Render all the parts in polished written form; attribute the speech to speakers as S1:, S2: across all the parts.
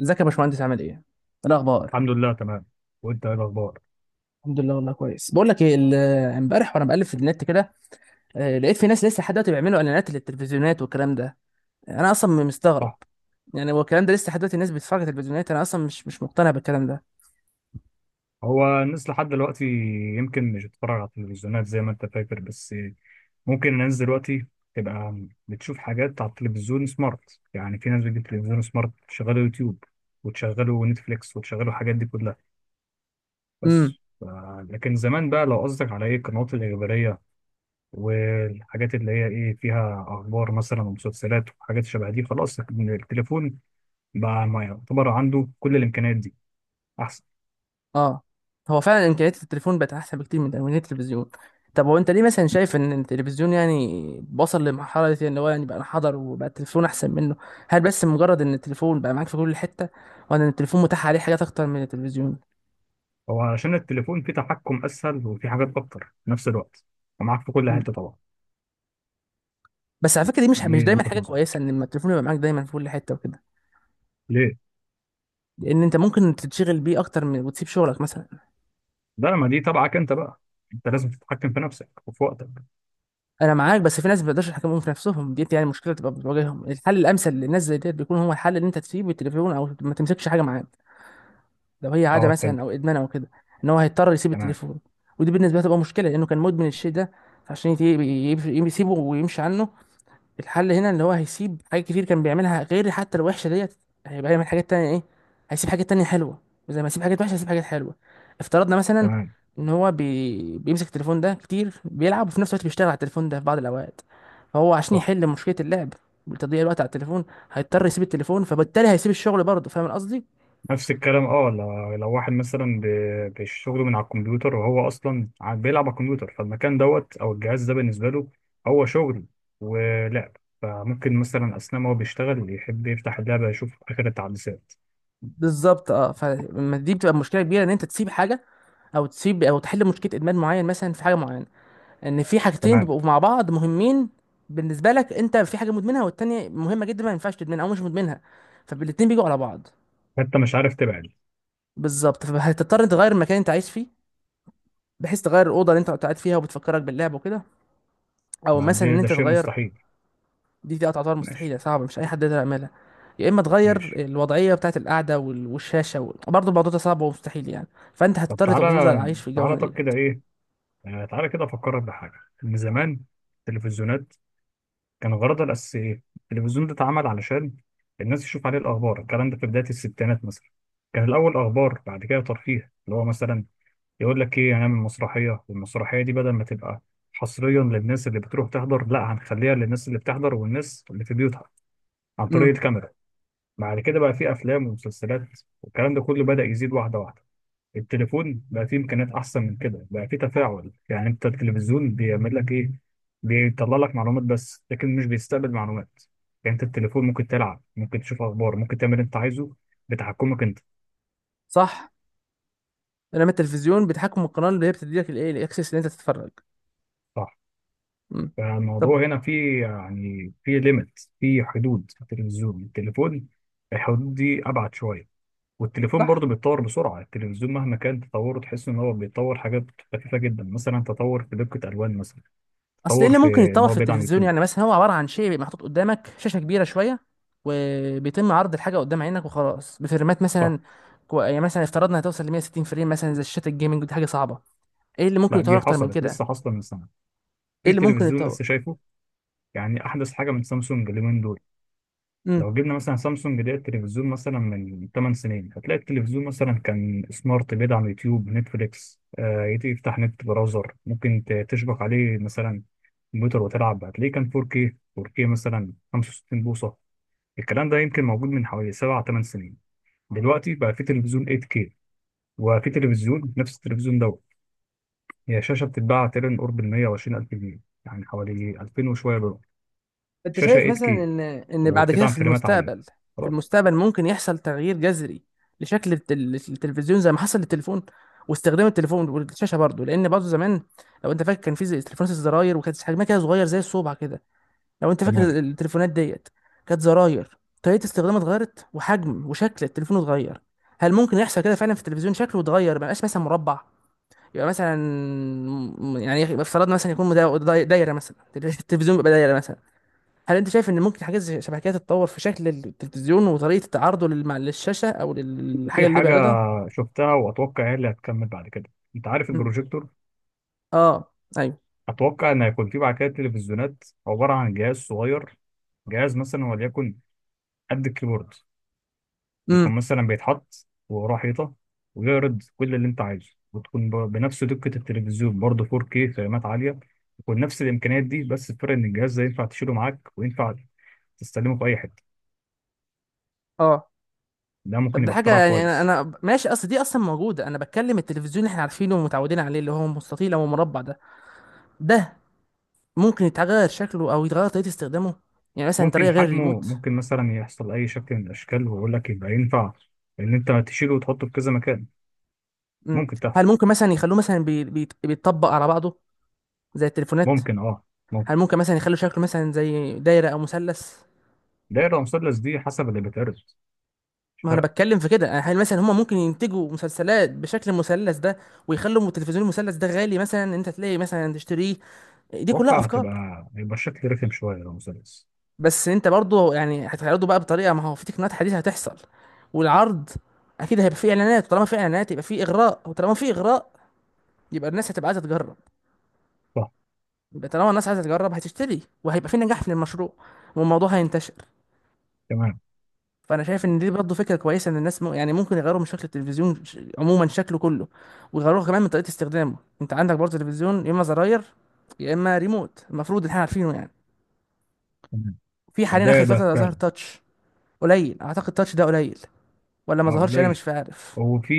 S1: ازيك يا باشمهندس؟ عامل ايه؟ إيه الاخبار؟
S2: الحمد لله، تمام. وانت ايه الاخبار؟
S1: الحمد لله والله كويس. بقول لك ايه، امبارح وانا بقلب في النت كده، آه، لقيت في ناس لسه لحد دلوقتي بيعملوا اعلانات للتلفزيونات والكلام ده. انا اصلا مستغرب،
S2: صح.
S1: يعني هو الكلام ده لسه لحد دلوقتي الناس بتتفرج على التلفزيونات؟ انا اصلا مش مقتنع بالكلام ده.
S2: هو الناس لحد دلوقتي يمكن مش بتتفرج على التلفزيونات زي ما انت فاكر، بس ممكن الناس دلوقتي تبقى بتشوف حاجات على التلفزيون سمارت، يعني في ناس بتجيب تلفزيون سمارت تشغله يوتيوب وتشغله نتفليكس وتشغله الحاجات دي كلها، بس.
S1: امم.
S2: ف- لكن زمان بقى لو قصدك على ايه القنوات الإخبارية والحاجات اللي هي ايه فيها اخبار مثلا ومسلسلات وحاجات شبه دي، خلاص التليفون بقى ما يعتبر عنده كل الامكانيات دي.
S1: اه، هو فعلا امكانيات التليفون بقت احسن بكتير من امكانيات التلفزيون. طب هو انت ليه مثلا شايف ان التلفزيون يعني وصل لمرحله دي، ان هو يعني بقى انحدر وبقى التلفزيون احسن منه؟ هل بس مجرد ان التليفون بقى معاك في كل حته، ولا ان التليفون متاح عليه حاجات اكتر من التلفزيون؟
S2: هو عشان التليفون فيه تحكم اسهل وفيه حاجات اكتر في نفس الوقت ومعاك في كل حته طبعا.
S1: بس على فكره دي مش
S2: دي
S1: دايما
S2: وجهه
S1: حاجه
S2: نظري.
S1: كويسه ان لما التليفون يبقى معاك دايما في كل حته وكده.
S2: ليه؟
S1: لان انت ممكن تتشغل بيه اكتر من وتسيب شغلك مثلا.
S2: ده ما دي تبعك انت بقى، انت لازم تتحكم في نفسك وفي وقتك.
S1: انا معاك، بس في ناس ما بيقدرش يحكموا في نفسهم، دي يعني مشكله تبقى بتواجههم. الحل الامثل للناس زي ديت بيكون هو الحل ان انت تسيب التليفون او ما تمسكش حاجه معاك، لو هي عاده
S2: اه، فهمت.
S1: مثلا او ادمان او كده. ان هو هيضطر يسيب
S2: تمام.
S1: التليفون. ودي بالنسبه له تبقى مشكله لانه كان مدمن الشيء ده. فعشان يسيبه ويمشي عنه، الحل هنا اللي هو هيسيب حاجات كتير كان بيعملها غير حتى الوحشه ديت. هيبقى يعمل حاجات تانية ايه؟ هيسيب حاجات تانية حلوه. زي ما يسيب حاجات وحشه، هيسيب حاجات حلوه. افترضنا مثلا
S2: تمام.
S1: ان هو بيمسك التليفون ده كتير، بيلعب وفي نفس الوقت بيشتغل على التليفون ده في بعض الاوقات. فهو عشان
S2: صح.
S1: يحل مشكله اللعب وتضييع الوقت على التليفون، هيضطر يسيب التليفون، فبالتالي هيسيب الشغل برضه. فاهم قصدي؟
S2: نفس الكلام، اه، لو واحد مثلا بشغله من على الكمبيوتر، وهو اصلا بيلعب على الكمبيوتر، فالمكان دوت او الجهاز ده بالنسبه له هو شغل ولعب، فممكن مثلا اثناء ما هو بيشتغل يحب يفتح اللعبه يشوف اخر التحديثات.
S1: بالظبط. اه، فدي بتبقى مشكله كبيره، ان انت تسيب حاجه، او تسيب، او تحل مشكله ادمان معين مثلا في حاجه معينه. ان في حاجتين
S2: تمام.
S1: بيبقوا مع بعض مهمين بالنسبه لك، انت في حاجه مدمنها والتانيه مهمه جدا ما ينفعش تدمنها او مش مدمنها، فالاتنين بيجوا على بعض.
S2: انت مش عارف تبعد.
S1: بالظبط، فهتضطر انت تغير المكان اللي انت عايش فيه، بحيث تغير الاوضه اللي انت قاعد فيها وبتفكرك باللعب وكده. او
S2: ما
S1: مثلا
S2: دي
S1: ان انت
S2: ده شيء
S1: تغير،
S2: مستحيل.
S1: دي تعتبر
S2: ماشي.
S1: مستحيله، صعبه، مش اي حد يقدر يعملها. يا اما تغير
S2: ماشي.
S1: الوضعيه بتاعه القعده والشاشه، و... برضه الموضوع ده صعب ومستحيل يعني، فانت
S2: طب
S1: هتضطر تبقى تفضل
S2: تعالى،
S1: عايش في الجو
S2: تعالى طب
S1: ديت.
S2: كده ايه؟ آه، تعالى كده افكرك بحاجه، ان زمان التلفزيونات كان غرضها الاساسي ايه؟ التلفزيون ده اتعمل علشان الناس تشوف عليه الاخبار، الكلام ده في بدايه الستينات مثلا. كان الاول اخبار، بعد كده ترفيه، اللي هو مثلا يقول لك ايه، هنعمل مسرحيه، والمسرحيه دي بدل ما تبقى حصريا للناس اللي بتروح تحضر، لا هنخليها للناس اللي بتحضر والناس اللي في بيوتها عن طريق
S1: امم.
S2: الكاميرا. بعد كده بقى في افلام ومسلسلات، والكلام ده كله بدأ يزيد واحده واحده. التليفون بقى فيه امكانيات احسن من كده، بقى فيه تفاعل، يعني انت التلفزيون بيعمل لك ايه؟ بيطلع لك معلومات بس، لكن مش بيستقبل معلومات. يعني انت التليفون ممكن تلعب، ممكن تشوف اخبار، ممكن تعمل اللي انت عايزه، بتحكمك انت.
S1: صح. لما التلفزيون بتحكم القناه اللي هي بتديلك الايه الاكسس اللي انت تتفرج.
S2: صح.
S1: امم. طب.
S2: فالموضوع هنا فيه، يعني فيه ليميت، فيه حدود في التلفزيون. التليفون الحدود دي ابعد شويه، والتليفون
S1: صح.
S2: برضه بيتطور بسرعه. التلفزيون مهما كان تطوره تحس ان هو بيتطور حاجات خفيفه جدا، مثلا تطور في دقه، الوان مثلا،
S1: اصل ايه
S2: تطور
S1: اللي ممكن
S2: في ان
S1: يتطور
S2: هو
S1: في
S2: بيدعم
S1: التلفزيون؟
S2: يوتيوب،
S1: يعني مثلا هو عباره عن شيء بيبقى محطوط قدامك، شاشه كبيره شويه وبيتم عرض الحاجه قدام عينك وخلاص، بفريمات
S2: صح؟
S1: مثلا. يعني مثلا افترضنا هتوصل ل 160 فريم مثلا زي شاشات الجيمنج، ودي حاجه صعبه. ايه اللي ممكن
S2: لا،
S1: يتطور
S2: دي
S1: اكتر من
S2: حصلت
S1: كده؟
S2: لسه، حاصله من سنه،
S1: ايه
S2: في
S1: اللي ممكن
S2: تلفزيون لسه
S1: يتطور؟
S2: شايفه، يعني احدث حاجه من سامسونج اليومين دول.
S1: امم.
S2: لو جبنا مثلا سامسونج ده التلفزيون مثلا من 8 سنين، هتلاقي التلفزيون مثلا كان سمارت، بيدعم يوتيوب نتفليكس، آه، يفتح نت براوزر، ممكن تشبك عليه مثلا كمبيوتر وتلعب، هتلاقيه كان 4K، مثلا 65 بوصه. الكلام ده يمكن موجود من حوالي 7 8 سنين. دلوقتي بقى في تلفزيون 8K، وفي تلفزيون نفس التلفزيون ده، هي شاشة بتتباع تقريبا قرب ال 120 ألف جنيه، يعني حوالي 2000 وشوية دولار،
S1: انت
S2: شاشة
S1: شايف مثلا
S2: 8K
S1: ان بعد كده
S2: وبتدعم
S1: في
S2: فريمات عالية،
S1: المستقبل، في
S2: خلاص.
S1: المستقبل ممكن يحصل تغيير جذري لشكل التلفزيون زي ما حصل للتليفون، واستخدام التليفون والشاشه برضه؟ لان برضه زمان، لو انت فاكر، كان في تليفونات الزراير، وكانت حجمها كده صغير زي الصبع كده، لو انت فاكر
S2: تمام.
S1: التليفونات ديت. كانت زراير، طريقه استخدامها اتغيرت وحجم وشكل التليفون اتغير. هل ممكن يحصل كده فعلا في التلفزيون؟ شكله اتغير ما يبقاش مثلا مربع، يبقى مثلا، افترضنا مثلا يكون دايره مثلا التلفزيون بيبقى دايره مثلا. هل انت شايف ان ممكن حاجات شبه كده تتطور في شكل التلفزيون وطريقه تعرضه للشاشه او للحاجه
S2: في
S1: اللي
S2: حاجة
S1: بيعرضها؟
S2: شفتها وأتوقع هي اللي هتكمل بعد كده. أنت عارف
S1: مم.
S2: البروجيكتور؟
S1: اه. ايوه.
S2: أتوقع إن هيكون فيه بعد كده تلفزيونات عبارة عن جهاز صغير، جهاز مثلا وليكن قد الكيبورد، يكون
S1: امم.
S2: مثلا بيتحط وراه حيطة ويعرض كل اللي أنت عايزه، وتكون بنفس دقة التلفزيون، برضه 4K، فريمات عالية، يكون نفس الامكانيات دي، بس الفرق ان الجهاز ده ينفع تشيله معاك، وينفع تستخدمه في أي حتة.
S1: اه.
S2: ده
S1: طب
S2: ممكن
S1: ده
S2: يبقى
S1: حاجه،
S2: اختراع
S1: يعني انا
S2: كويس.
S1: انا ماشي، اصل دي اصلا موجوده. انا بتكلم التلفزيون اللي احنا عارفينه ومتعودين عليه، اللي هو مستطيل او مربع ده، ده ممكن يتغير شكله او يتغير طريقه استخدامه؟ يعني مثلا طريقه
S2: ممكن
S1: غير
S2: حجمه،
S1: الريموت.
S2: ممكن مثلا يحصل أي شكل من الأشكال، ويقول لك يبقى ينفع إن أنت تشيله وتحطه في كذا مكان.
S1: مم.
S2: ممكن
S1: هل
S2: تحصل.
S1: ممكن مثلا يخلوه مثلا بيتطبق على بعضه زي التليفونات؟
S2: ممكن، أه.
S1: هل
S2: ممكن.
S1: ممكن مثلا يخلوا شكله مثلا زي دايره او مثلث؟
S2: دايرة، مثلث، دي حسب اللي بيتعرض، مش
S1: ما انا
S2: فارقة.
S1: بتكلم في كده، هل مثلا هما ممكن ينتجوا مسلسلات بشكل المثلث ده، ويخلوا التلفزيون المثلث ده غالي مثلا ان انت تلاقي مثلا تشتريه؟ دي كلها
S2: أتوقع
S1: افكار.
S2: هتبقى، يبقى الشكل رخم شوية لو مثلث.
S1: بس انت برضه يعني هتعرضه بقى بطريقه، ما هو في تقنيات حديثه هتحصل. والعرض اكيد هيبقى فيه اعلانات، طالما في اعلانات يبقى فيه اغراء، وطالما في اغراء يبقى الناس هتبقى عايزه تجرب،
S2: صح.
S1: يبقى طالما الناس عايزه تجرب هتشتري، وهيبقى في نجاح في المشروع، والموضوع هينتشر.
S2: تمام.
S1: فانا شايف ان دي برضه فكره كويسه، ان الناس يعني ممكن يغيروا من شكل التلفزيون، عموما شكله كله، ويغيروه كمان من طريقه استخدامه. انت عندك برضه تلفزيون يا اما زراير يا اما ريموت، المفروض ان احنا عارفينه يعني.
S2: تمام.
S1: في حاليا اخر
S2: ده
S1: فتره ظهر
S2: فعلا.
S1: تاتش، قليل، اعتقد تاتش ده قليل، ولا ما
S2: أه،
S1: ظهرش؟ انا
S2: قليل.
S1: مش عارف
S2: هو في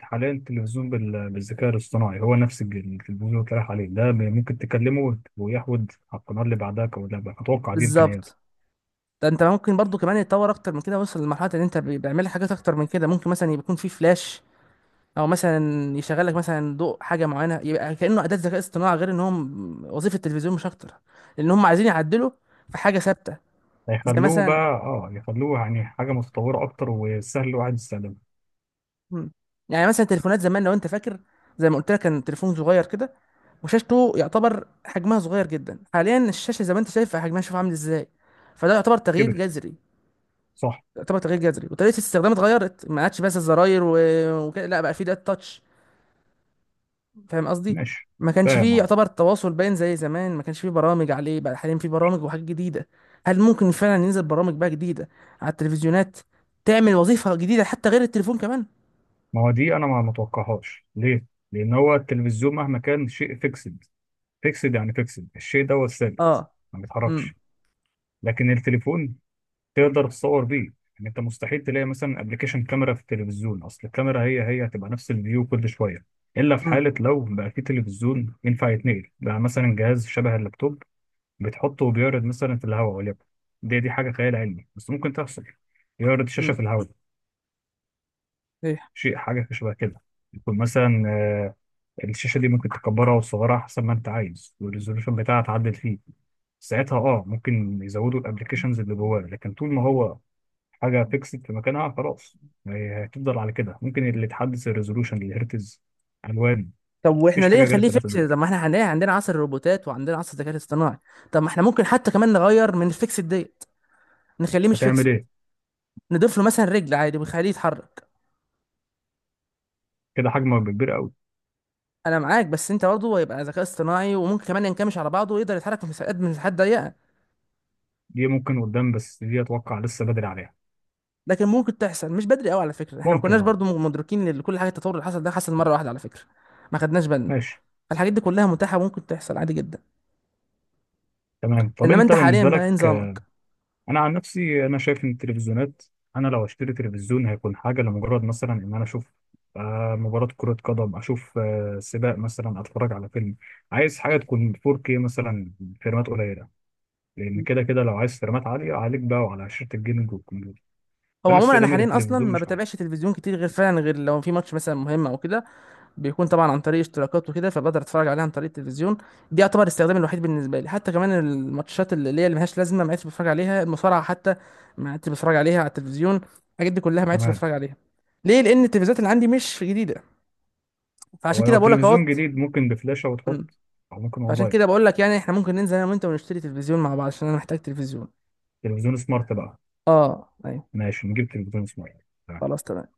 S2: حاليا تلفزيون بالذكاء الاصطناعي، هو نفس التلفزيون اللي اتقال عليه ده، ممكن تكلمه ويحود على القناة اللي بعدها أو اللي بعدها. أتوقع دي إمكانياته.
S1: بالظبط. ده انت ممكن برضو كمان يتطور اكتر من كده، وصل لمرحله ان انت بيعمل لك حاجات اكتر من كده، ممكن مثلا يبقى يكون في فلاش، او مثلا يشغل لك مثلا ضوء حاجه معينه، يبقى كانه اداه ذكاء اصطناعي، غير ان هم وظيفه التلفزيون مش اكتر. لان هم عايزين يعدلوا في حاجه ثابته. زي
S2: هيخلوه
S1: مثلا،
S2: بقى، اه، يخلوه يعني حاجة متطورة أكتر، وسهل الواحد يستخدمها.
S1: مم. يعني مثلا تليفونات زمان، لو انت فاكر، زي ما قلت لك، كان تليفون صغير كده، وشاشته يعتبر حجمها صغير جدا. حاليا الشاشه زي ما انت شايف حجمها، شوف عامل ازاي. فده يعتبر تغيير
S2: كبرت.
S1: جذري،
S2: صح.
S1: يعتبر تغيير جذري، وطريقه الاستخدام اتغيرت، ما عادش بس الزراير و... وكده، لا بقى في ده تاتش. فاهم قصدي؟
S2: ماشي.
S1: ما كانش
S2: فاهم،
S1: فيه
S2: اه.
S1: يعتبر التواصل باين زي زمان، ما كانش فيه برامج عليه، بقى حاليا فيه برامج وحاجات جديدة. هل ممكن فعلا ينزل برامج بقى جديدة على التلفزيونات تعمل وظيفة جديدة حتى غير التليفون كمان؟
S2: ما هو دي أنا ما متوقعهاش، ليه؟ لأن هو التلفزيون مهما كان شيء فيكسد. فيكسد يعني فيكسد، الشيء ده هو الثابت،
S1: اه.
S2: ما
S1: امم.
S2: بيتحركش. لكن التليفون تقدر تصور بيه، يعني أنت مستحيل تلاقي مثلا أبلكيشن كاميرا في التلفزيون، أصل الكاميرا هي هتبقى نفس الفيو كل شوية. إلا في
S1: امم.
S2: حالة لو بقى في تلفزيون ينفع يتنقل بقى، مثلا جهاز شبه اللابتوب، بتحطه وبيعرض مثلا في الهواء، وليكن، دي حاجة خيال علمي بس ممكن تحصل، يعرض شاشة
S1: امم.
S2: في الهواء.
S1: صحيح.
S2: شيء حاجة شبه كده، يكون مثلا الشاشة دي ممكن تكبرها وتصغرها حسب ما أنت عايز، والريزولوشن بتاعها تعدل فيه، ساعتها ممكن يزودوا الأبلكيشنز اللي جواه، لكن طول ما هو حاجة فيكسد في مكانها، خلاص، هتفضل على كده. ممكن اللي تحدث الريزولوشن، الهرتز، ألوان،
S1: طب واحنا
S2: مفيش
S1: ليه
S2: حاجة غير
S1: نخليه
S2: التلاتة
S1: فيكس؟
S2: دول.
S1: طب ما احنا هنلاقي عندنا عصر الروبوتات وعندنا عصر الذكاء الاصطناعي. طب ما احنا ممكن حتى كمان نغير من الفيكس ديت، نخليه مش
S2: هتعمل
S1: فيكس،
S2: إيه؟
S1: نضيف له مثلا رجل عادي ونخليه يتحرك.
S2: كده حجمه هيبقى كبير أوي.
S1: انا معاك، بس انت برضه هيبقى ذكاء اصطناعي وممكن كمان ينكمش على بعضه ويقدر يتحرك في مساحات من مساحات ضيقة.
S2: دي ممكن قدام، بس دي أتوقع لسه بدري عليها.
S1: لكن ممكن تحصل، مش بدري قوي على فكره. احنا ما
S2: ممكن،
S1: كناش
S2: أه.
S1: برضو مدركين ان كل حاجه التطور اللي حصل ده حصل مره واحده على فكره، ما خدناش بالنا.
S2: ماشي.
S1: الحاجات دي كلها متاحه، ممكن تحصل عادي جدا.
S2: تمام. طب
S1: انما
S2: انت
S1: انت حاليا
S2: بالنسبه
S1: بقى إيه
S2: لك،
S1: نظامك؟
S2: انا عن نفسي انا شايف ان التلفزيونات، انا لو اشتري تلفزيون هيكون حاجه لمجرد مثلا ان انا اشوف مباراه كره قدم، اشوف سباق، مثلا اتفرج على فيلم، عايز حاجه تكون 4K مثلا، فريمات قليله، لان كده كده لو عايز فريمات عاليه عليك بقى وعلى شاشه الجيمنج والكمبيوتر.
S1: هو
S2: فانا
S1: عموما انا
S2: استخدامي
S1: حاليا اصلا
S2: للتلفزيون
S1: ما
S2: مش عالي.
S1: بتابعش تلفزيون كتير، غير فعلا، غير لو في ماتش مثلا مهم او كده، بيكون طبعا عن طريق اشتراكات وكده فبقدر اتفرج عليها عن طريق التلفزيون. دي يعتبر الاستخدام الوحيد بالنسبه لي. حتى كمان الماتشات اللي هي اللي ملهاش لازمه ما عدتش بتفرج عليها، المصارعه حتى ما عدتش بتفرج عليها على التلفزيون، الحاجات دي كلها ما عدتش
S2: تمام.
S1: بتفرج عليها. ليه؟ لان التلفزيونات اللي عندي مش جديده، فعشان
S2: هو
S1: كده
S2: لو
S1: بقول لك
S2: تلفزيون
S1: اهوت.
S2: جديد ممكن بفلاشه
S1: مم.
S2: وتحط، او ممكن
S1: فعشان
S2: اونلاين.
S1: كده بقول لك يعني احنا ممكن ننزل انا وانت ونشتري تلفزيون مع بعض عشان انا محتاج تلفزيون.
S2: تلفزيون سمارت بقى.
S1: اه ايوه.
S2: ماشي، نجيب تلفزيون سمارت، تمام.
S1: خلاص تمام.